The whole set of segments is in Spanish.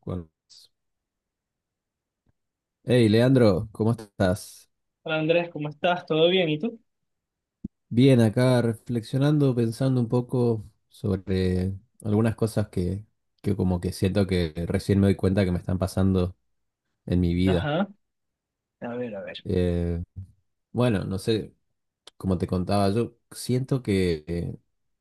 Cuervos. Hey, Leandro, ¿cómo estás? Hola Andrés, ¿cómo estás? ¿Todo bien? ¿Y tú? Bien, acá reflexionando, pensando un poco sobre algunas cosas que como que siento que recién me doy cuenta que me están pasando en mi vida. Ajá. A ver, a ver. Eh, bueno, no sé, como te contaba, yo siento que,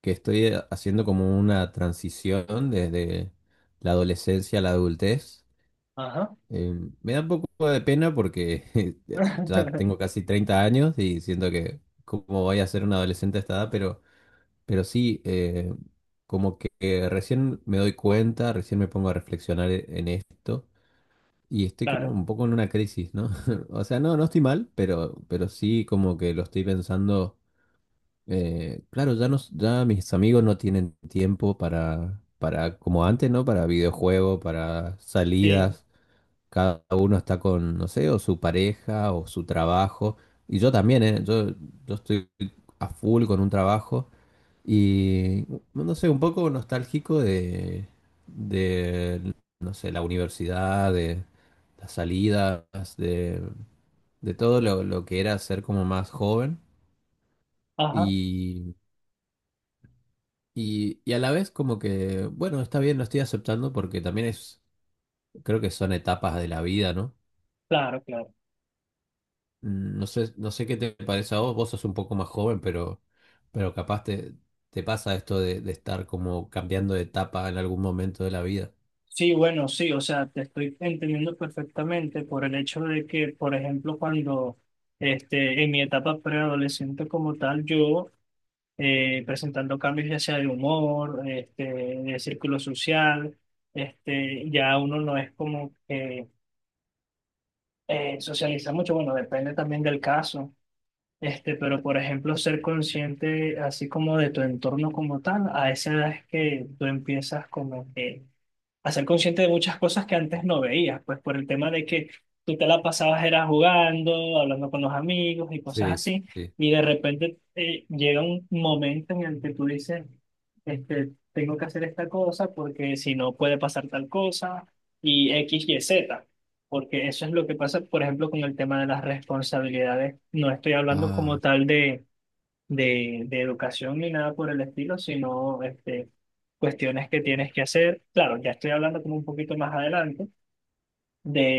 que estoy haciendo como una transición desde la adolescencia a la adultez. Ajá. Eh, Me da un poco de pena porque ya tengo casi 30 años y siento que como voy a ser un adolescente a esta edad, pero sí, como que recién me doy cuenta, recién me pongo a reflexionar en esto y estoy como Claro, un poco en una crisis, ¿no? O sea, no estoy mal, pero sí como que lo estoy pensando. Claro, ya, no, ya mis amigos no tienen tiempo para, como antes, ¿no? Para videojuegos, para sí. salidas. Cada uno está con, no sé, o su pareja o su trabajo. Y yo también, ¿eh? Yo estoy a full con un trabajo y, no sé, un poco nostálgico de no sé, la universidad, de las salidas, de, de todo lo que era ser como más joven. Ajá. Y, y a la vez como que, bueno, está bien, lo estoy aceptando porque también es, creo que son etapas de la vida, ¿no? Claro, claro. No sé, no sé qué te parece a vos, vos sos un poco más joven, pero capaz te pasa esto de estar como cambiando de etapa en algún momento de la vida. Sí, bueno, sí, o sea, te estoy entendiendo perfectamente por el hecho de que, por ejemplo, cuando este, en mi etapa preadolescente como tal, yo presentando cambios ya sea de humor, este, de círculo social, este, ya uno no es como que socializa mucho, bueno, depende también del caso. Este, pero por ejemplo, ser consciente así como de tu entorno como tal, a esa edad es que tú empiezas como que a ser consciente de muchas cosas que antes no veías, pues por el tema de que tú te la pasabas era jugando, hablando con los amigos y cosas Sí, sí, así, sí. y de repente llega un momento en el que tú dices, este, tengo que hacer esta cosa porque si no puede pasar tal cosa, y X, Y, Z. Porque eso es lo que pasa, por ejemplo, con el tema de las responsabilidades. No estoy hablando como Ah, tal de de educación ni nada por el estilo, sino este, cuestiones que tienes que hacer. Claro, ya estoy hablando como un poquito más adelante,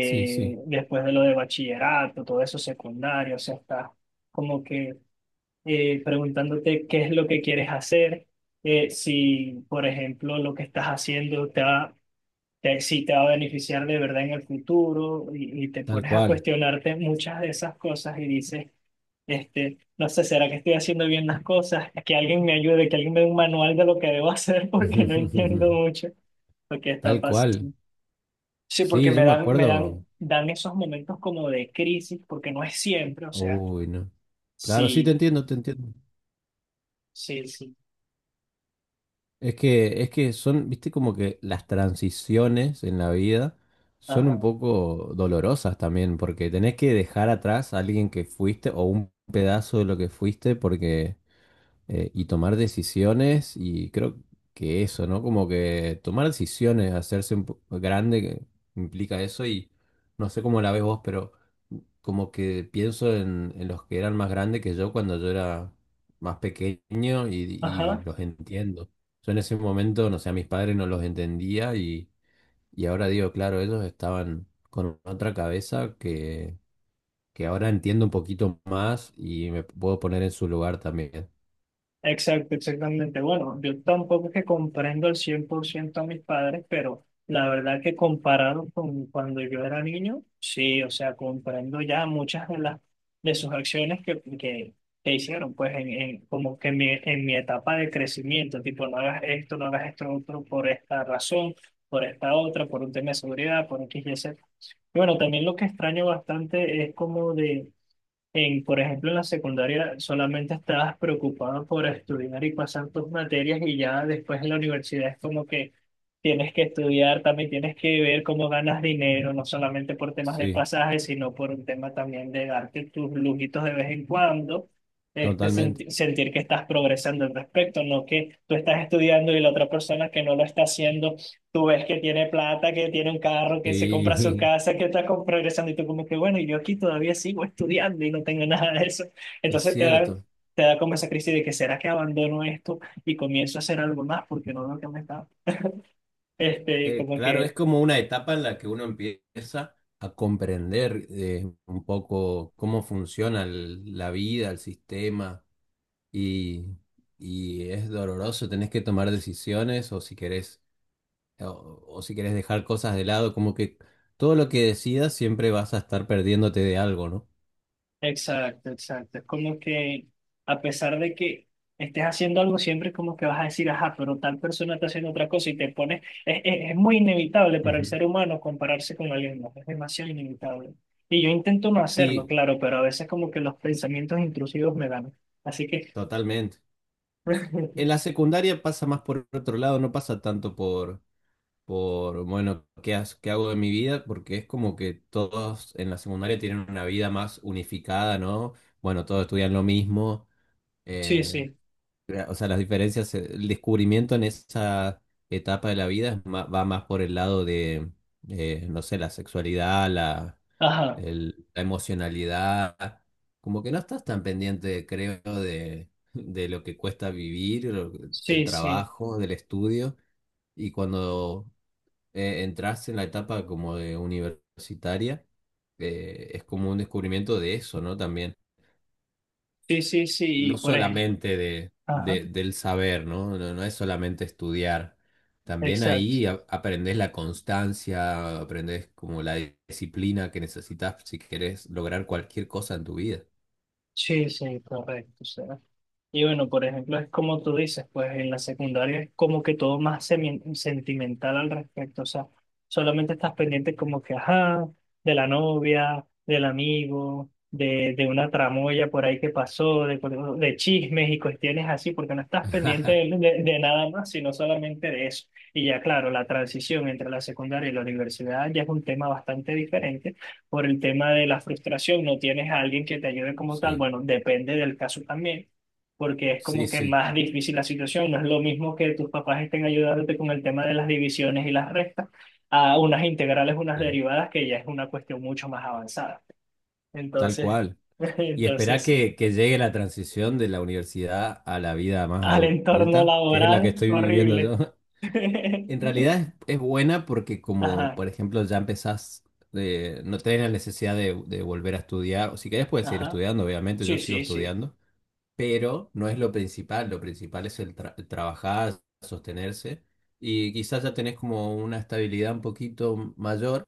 sí, sí, después de lo de bachillerato, todo eso secundario, o sea, estás como que preguntándote qué es lo que quieres hacer, si, por ejemplo, lo que estás haciendo te va... si te va a beneficiar de verdad en el futuro y te tal pones a cual. cuestionarte muchas de esas cosas y dices, este, no sé, ¿será que estoy haciendo bien las cosas? Que alguien me ayude, que alguien me dé un manual de lo que debo hacer porque no entiendo mucho lo que está Tal cual. pasando. Sí, porque Sí, yo me me dan, me dan, acuerdo. dan esos momentos como de crisis, porque no es siempre, o sea, Uy, no. Claro, sí, te sí, entiendo, te entiendo. sí, sí. Es que son, viste, como que las transiciones en la vida son un Ajá, poco dolorosas también, porque tenés que dejar atrás a alguien que fuiste o un pedazo de lo que fuiste, porque y tomar decisiones y creo que eso, ¿no? Como que tomar decisiones, hacerse un grande que implica eso y no sé cómo la ves vos, pero como que pienso en los que eran más grandes que yo cuando yo era más pequeño y ajá. los entiendo. Yo en ese momento, no sé, a mis padres no los entendía y ahora digo, claro, ellos estaban con otra cabeza que ahora entiendo un poquito más y me puedo poner en su lugar también. Exacto, exactamente. Bueno, yo tampoco es que comprendo al 100% a mis padres, pero la verdad que comparado con cuando yo era niño, sí, o sea, comprendo ya muchas de las de sus acciones que hicieron, pues en, como que en mi etapa de crecimiento, tipo, no hagas esto, no hagas esto otro por esta razón, por esta otra, por un tema de seguridad, por X y Z. Y bueno, también lo que extraño bastante es como de en, por ejemplo, en la secundaria solamente estabas preocupado por estudiar y pasar tus materias y ya después en la universidad es como que tienes que estudiar, también tienes que ver cómo ganas dinero, no solamente por temas de Sí. pasaje, sino por un tema también de darte tus lujitos de vez en cuando, este, Totalmente. Sentir que estás progresando al respecto, no que tú estás estudiando y la otra persona que no lo está haciendo. Tú ves que tiene plata, que tiene un carro, que se compra su Sí, casa, que está progresando y tú como que, bueno, y yo aquí todavía sigo estudiando y no tengo nada de eso. es Entonces te da, cierto. te da como esa crisis de que, ¿será que abandono esto y comienzo a hacer algo más porque no veo que me está? Este, como Claro, es que. como una etapa en la que uno empieza a comprender un poco cómo funciona la vida, el sistema, y, y es doloroso, tenés que tomar decisiones o, o si querés dejar cosas de lado, como que todo lo que decidas siempre vas a estar perdiéndote de algo, ¿no? Exacto, exacto. Es como que a pesar de que estés haciendo algo, siempre como que vas a decir, ajá, pero tal persona está haciendo otra cosa y te pones, es muy inevitable para el Ujú. ser humano compararse con alguien más, es demasiado inevitable. Y yo intento no hacerlo, Sí, claro, pero a veces como que los pensamientos intrusivos me ganan. Así que, totalmente. En la secundaria pasa más por otro lado, no pasa tanto por, bueno, qué, qué hago de mi vida, porque es como que todos en la secundaria tienen una vida más unificada, ¿no? Bueno, todos estudian lo mismo, sí, eh, sí, o sea, las diferencias, el descubrimiento en esa etapa de la vida es va más por el lado de, no sé, la sexualidad, ajá, la emocionalidad, como que no estás tan pendiente, creo, de lo que cuesta vivir, del sí, sí, trabajo, del estudio. Y cuando entras en la etapa como de universitaria, es como un descubrimiento de eso, ¿no? También, sí, sí, sí, y no por ejemplo, solamente de, ajá, del saber, ¿no? No, no es solamente estudiar. También exacto, ahí aprendes la constancia, aprendes como la disciplina que necesitas si querés lograr cualquier cosa en tu vida. sí, sí, correcto. O sea, y bueno, por ejemplo, es como tú dices, pues en la secundaria es como que todo más sentimental al respecto, o sea, solamente estás pendiente como que, ajá, de la novia, del amigo, de una tramoya por ahí que pasó, de, de chismes y cuestiones así, porque no estás pendiente de, de nada más, sino solamente de eso. Y ya claro, la transición entre la secundaria y la universidad ya es un tema bastante diferente por el tema de la frustración, no tienes a alguien que te ayude como tal, Sí, bueno, depende del caso también porque es sí, como que sí, más difícil la situación. No es lo mismo que tus papás estén ayudándote con el tema de las divisiones y las restas, a unas integrales, unas sí, derivadas, que ya es una cuestión mucho más avanzada. tal Entonces, cual. Y esperá entonces sí. Que llegue la transición de la universidad a la vida más Al entorno adulta, que es la que laboral, estoy viviendo horrible. yo. En realidad es buena porque como, Ajá, por ejemplo, ya empezás, no tenés la necesidad de volver a estudiar, o si querés puedes seguir ajá. estudiando, obviamente yo Sí, sigo sí, sí. estudiando, pero no es lo principal es el, el trabajar, sostenerse, y quizás ya tenés como una estabilidad un poquito mayor.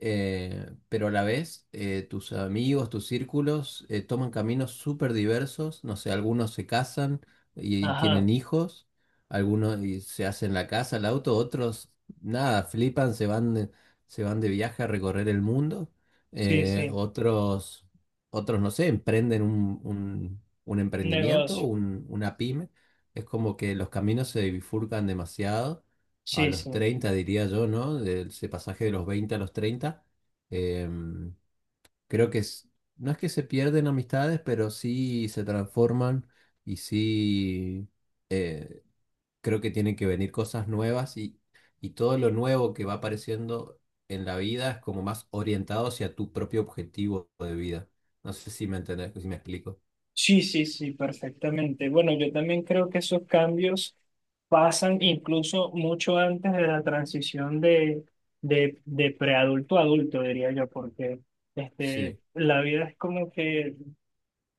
Pero a la vez tus amigos, tus círculos toman caminos súper diversos, no sé, algunos se casan y Ajá, tienen hijos, algunos y se hacen la casa, el auto, otros nada, flipan, se van de viaje a recorrer el mundo, sí, eh, sí. otros, otros, no sé, emprenden un Un emprendimiento, negocio. Una pyme, es como que los caminos se bifurcan demasiado a Sí, los sí. 30 diría yo, ¿no? De ese pasaje de los 20 a los 30. Em, Creo que no es que se pierden amistades, pero sí se transforman y sí eh, creo que tienen que venir cosas nuevas y todo lo nuevo que va apareciendo en la vida es como más orientado hacia tu propio objetivo de vida. No sé si me entendés, si me explico. Sí, sí, sí, perfectamente. Bueno, yo también creo que esos cambios pasan incluso mucho antes de la transición de, de preadulto a adulto, diría yo, porque este, Sí, la vida es como que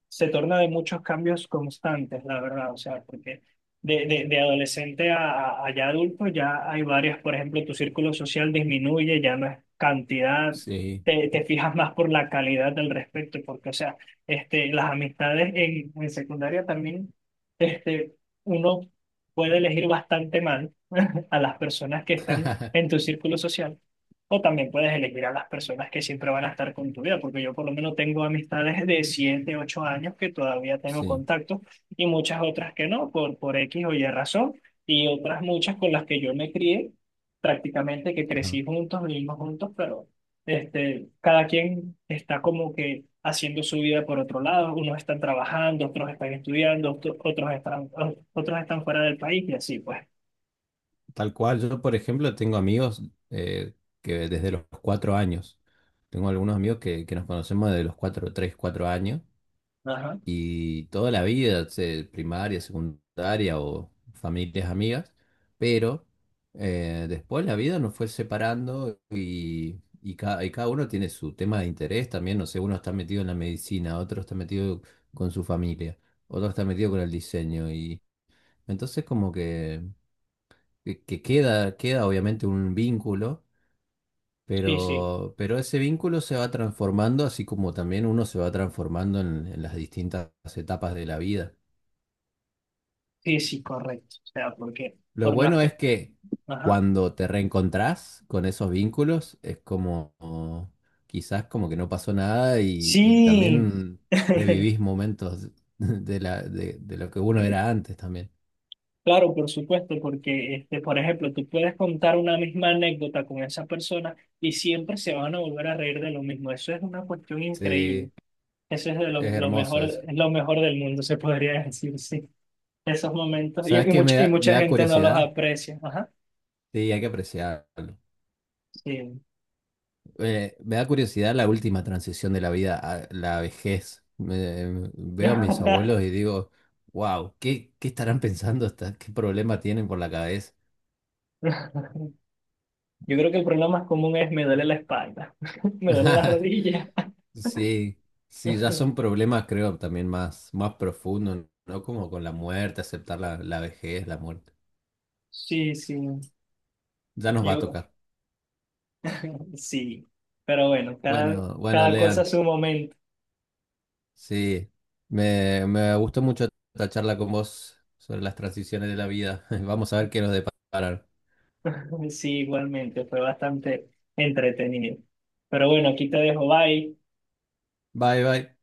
se torna de muchos cambios constantes, la verdad, o sea, porque de, de adolescente a, ya adulto ya hay varias, por ejemplo, tu círculo social disminuye, ya no es cantidad, sí, te fijas más por la calidad del respecto, porque, o sea, este, las amistades en secundaria también, este, uno puede elegir bastante mal a las personas que están en tu círculo social o también puedes elegir a las personas que siempre van a estar con tu vida, porque yo por lo menos tengo amistades de 7 8 años que todavía tengo sí. contacto y muchas otras que no, por X o Y razón, y otras muchas con las que yo me crié, prácticamente que Ajá. crecí juntos, vivimos juntos, pero este, cada quien está como que haciendo su vida por otro lado, unos están trabajando, otros están estudiando, otros están fuera del país y así pues. Tal cual, yo por ejemplo tengo amigos eh, que desde los 4 años, tengo algunos amigos que nos conocemos desde los 4, 3, 4 años Ajá. y toda la vida, primaria, secundaria o familias amigas, pero después la vida nos fue separando y, y cada uno tiene su tema de interés también, no sé, uno está metido en la medicina, otro está metido con su familia, otro está metido con el diseño y entonces como que queda obviamente un vínculo, Sí, sí, pero ese vínculo se va transformando, así como también uno se va transformando en las distintas etapas de la vida. sí, sí, correcto. O sea, porque... Lo Por más bueno es que, que Ajá. cuando te reencontrás con esos vínculos, es como quizás como que no pasó nada y, y Sí, también revivís momentos de de lo que uno era antes también. claro, por supuesto, porque, este, por ejemplo, tú puedes contar una misma anécdota con esa persona y siempre se van a volver a reír de lo mismo. Eso es una cuestión increíble. Sí, Eso es de lo, es lo hermoso mejor, eso. es lo mejor del mundo, se podría decir, sí. Esos momentos. Y, ¿Sabes y, qué mucha, y me mucha da gente no los curiosidad? aprecia. Ajá. Sí, hay que apreciarlo. Sí. Me da curiosidad la última transición de la vida a la vejez. Veo a mis abuelos y digo, wow, ¿qué estarán pensando? ¿Qué problema tienen por la cabeza? Yo creo que el problema más común es me duele la espalda, me duele la rodilla. Sí, sí, ya son problemas, creo, también más, más profundos, ¿no? Como con la muerte, aceptar la vejez, la muerte. Sí, sí. Ya nos va a Yo- tocar. Sí, pero bueno, cada, Bueno, bueno, cada cosa a Lean, su momento. sí, me gustó mucho esta charla con vos sobre las transiciones de la vida. Vamos a ver qué nos deparan. Sí, igualmente, fue bastante entretenido. Pero bueno, aquí te dejo, bye. Bye, bye.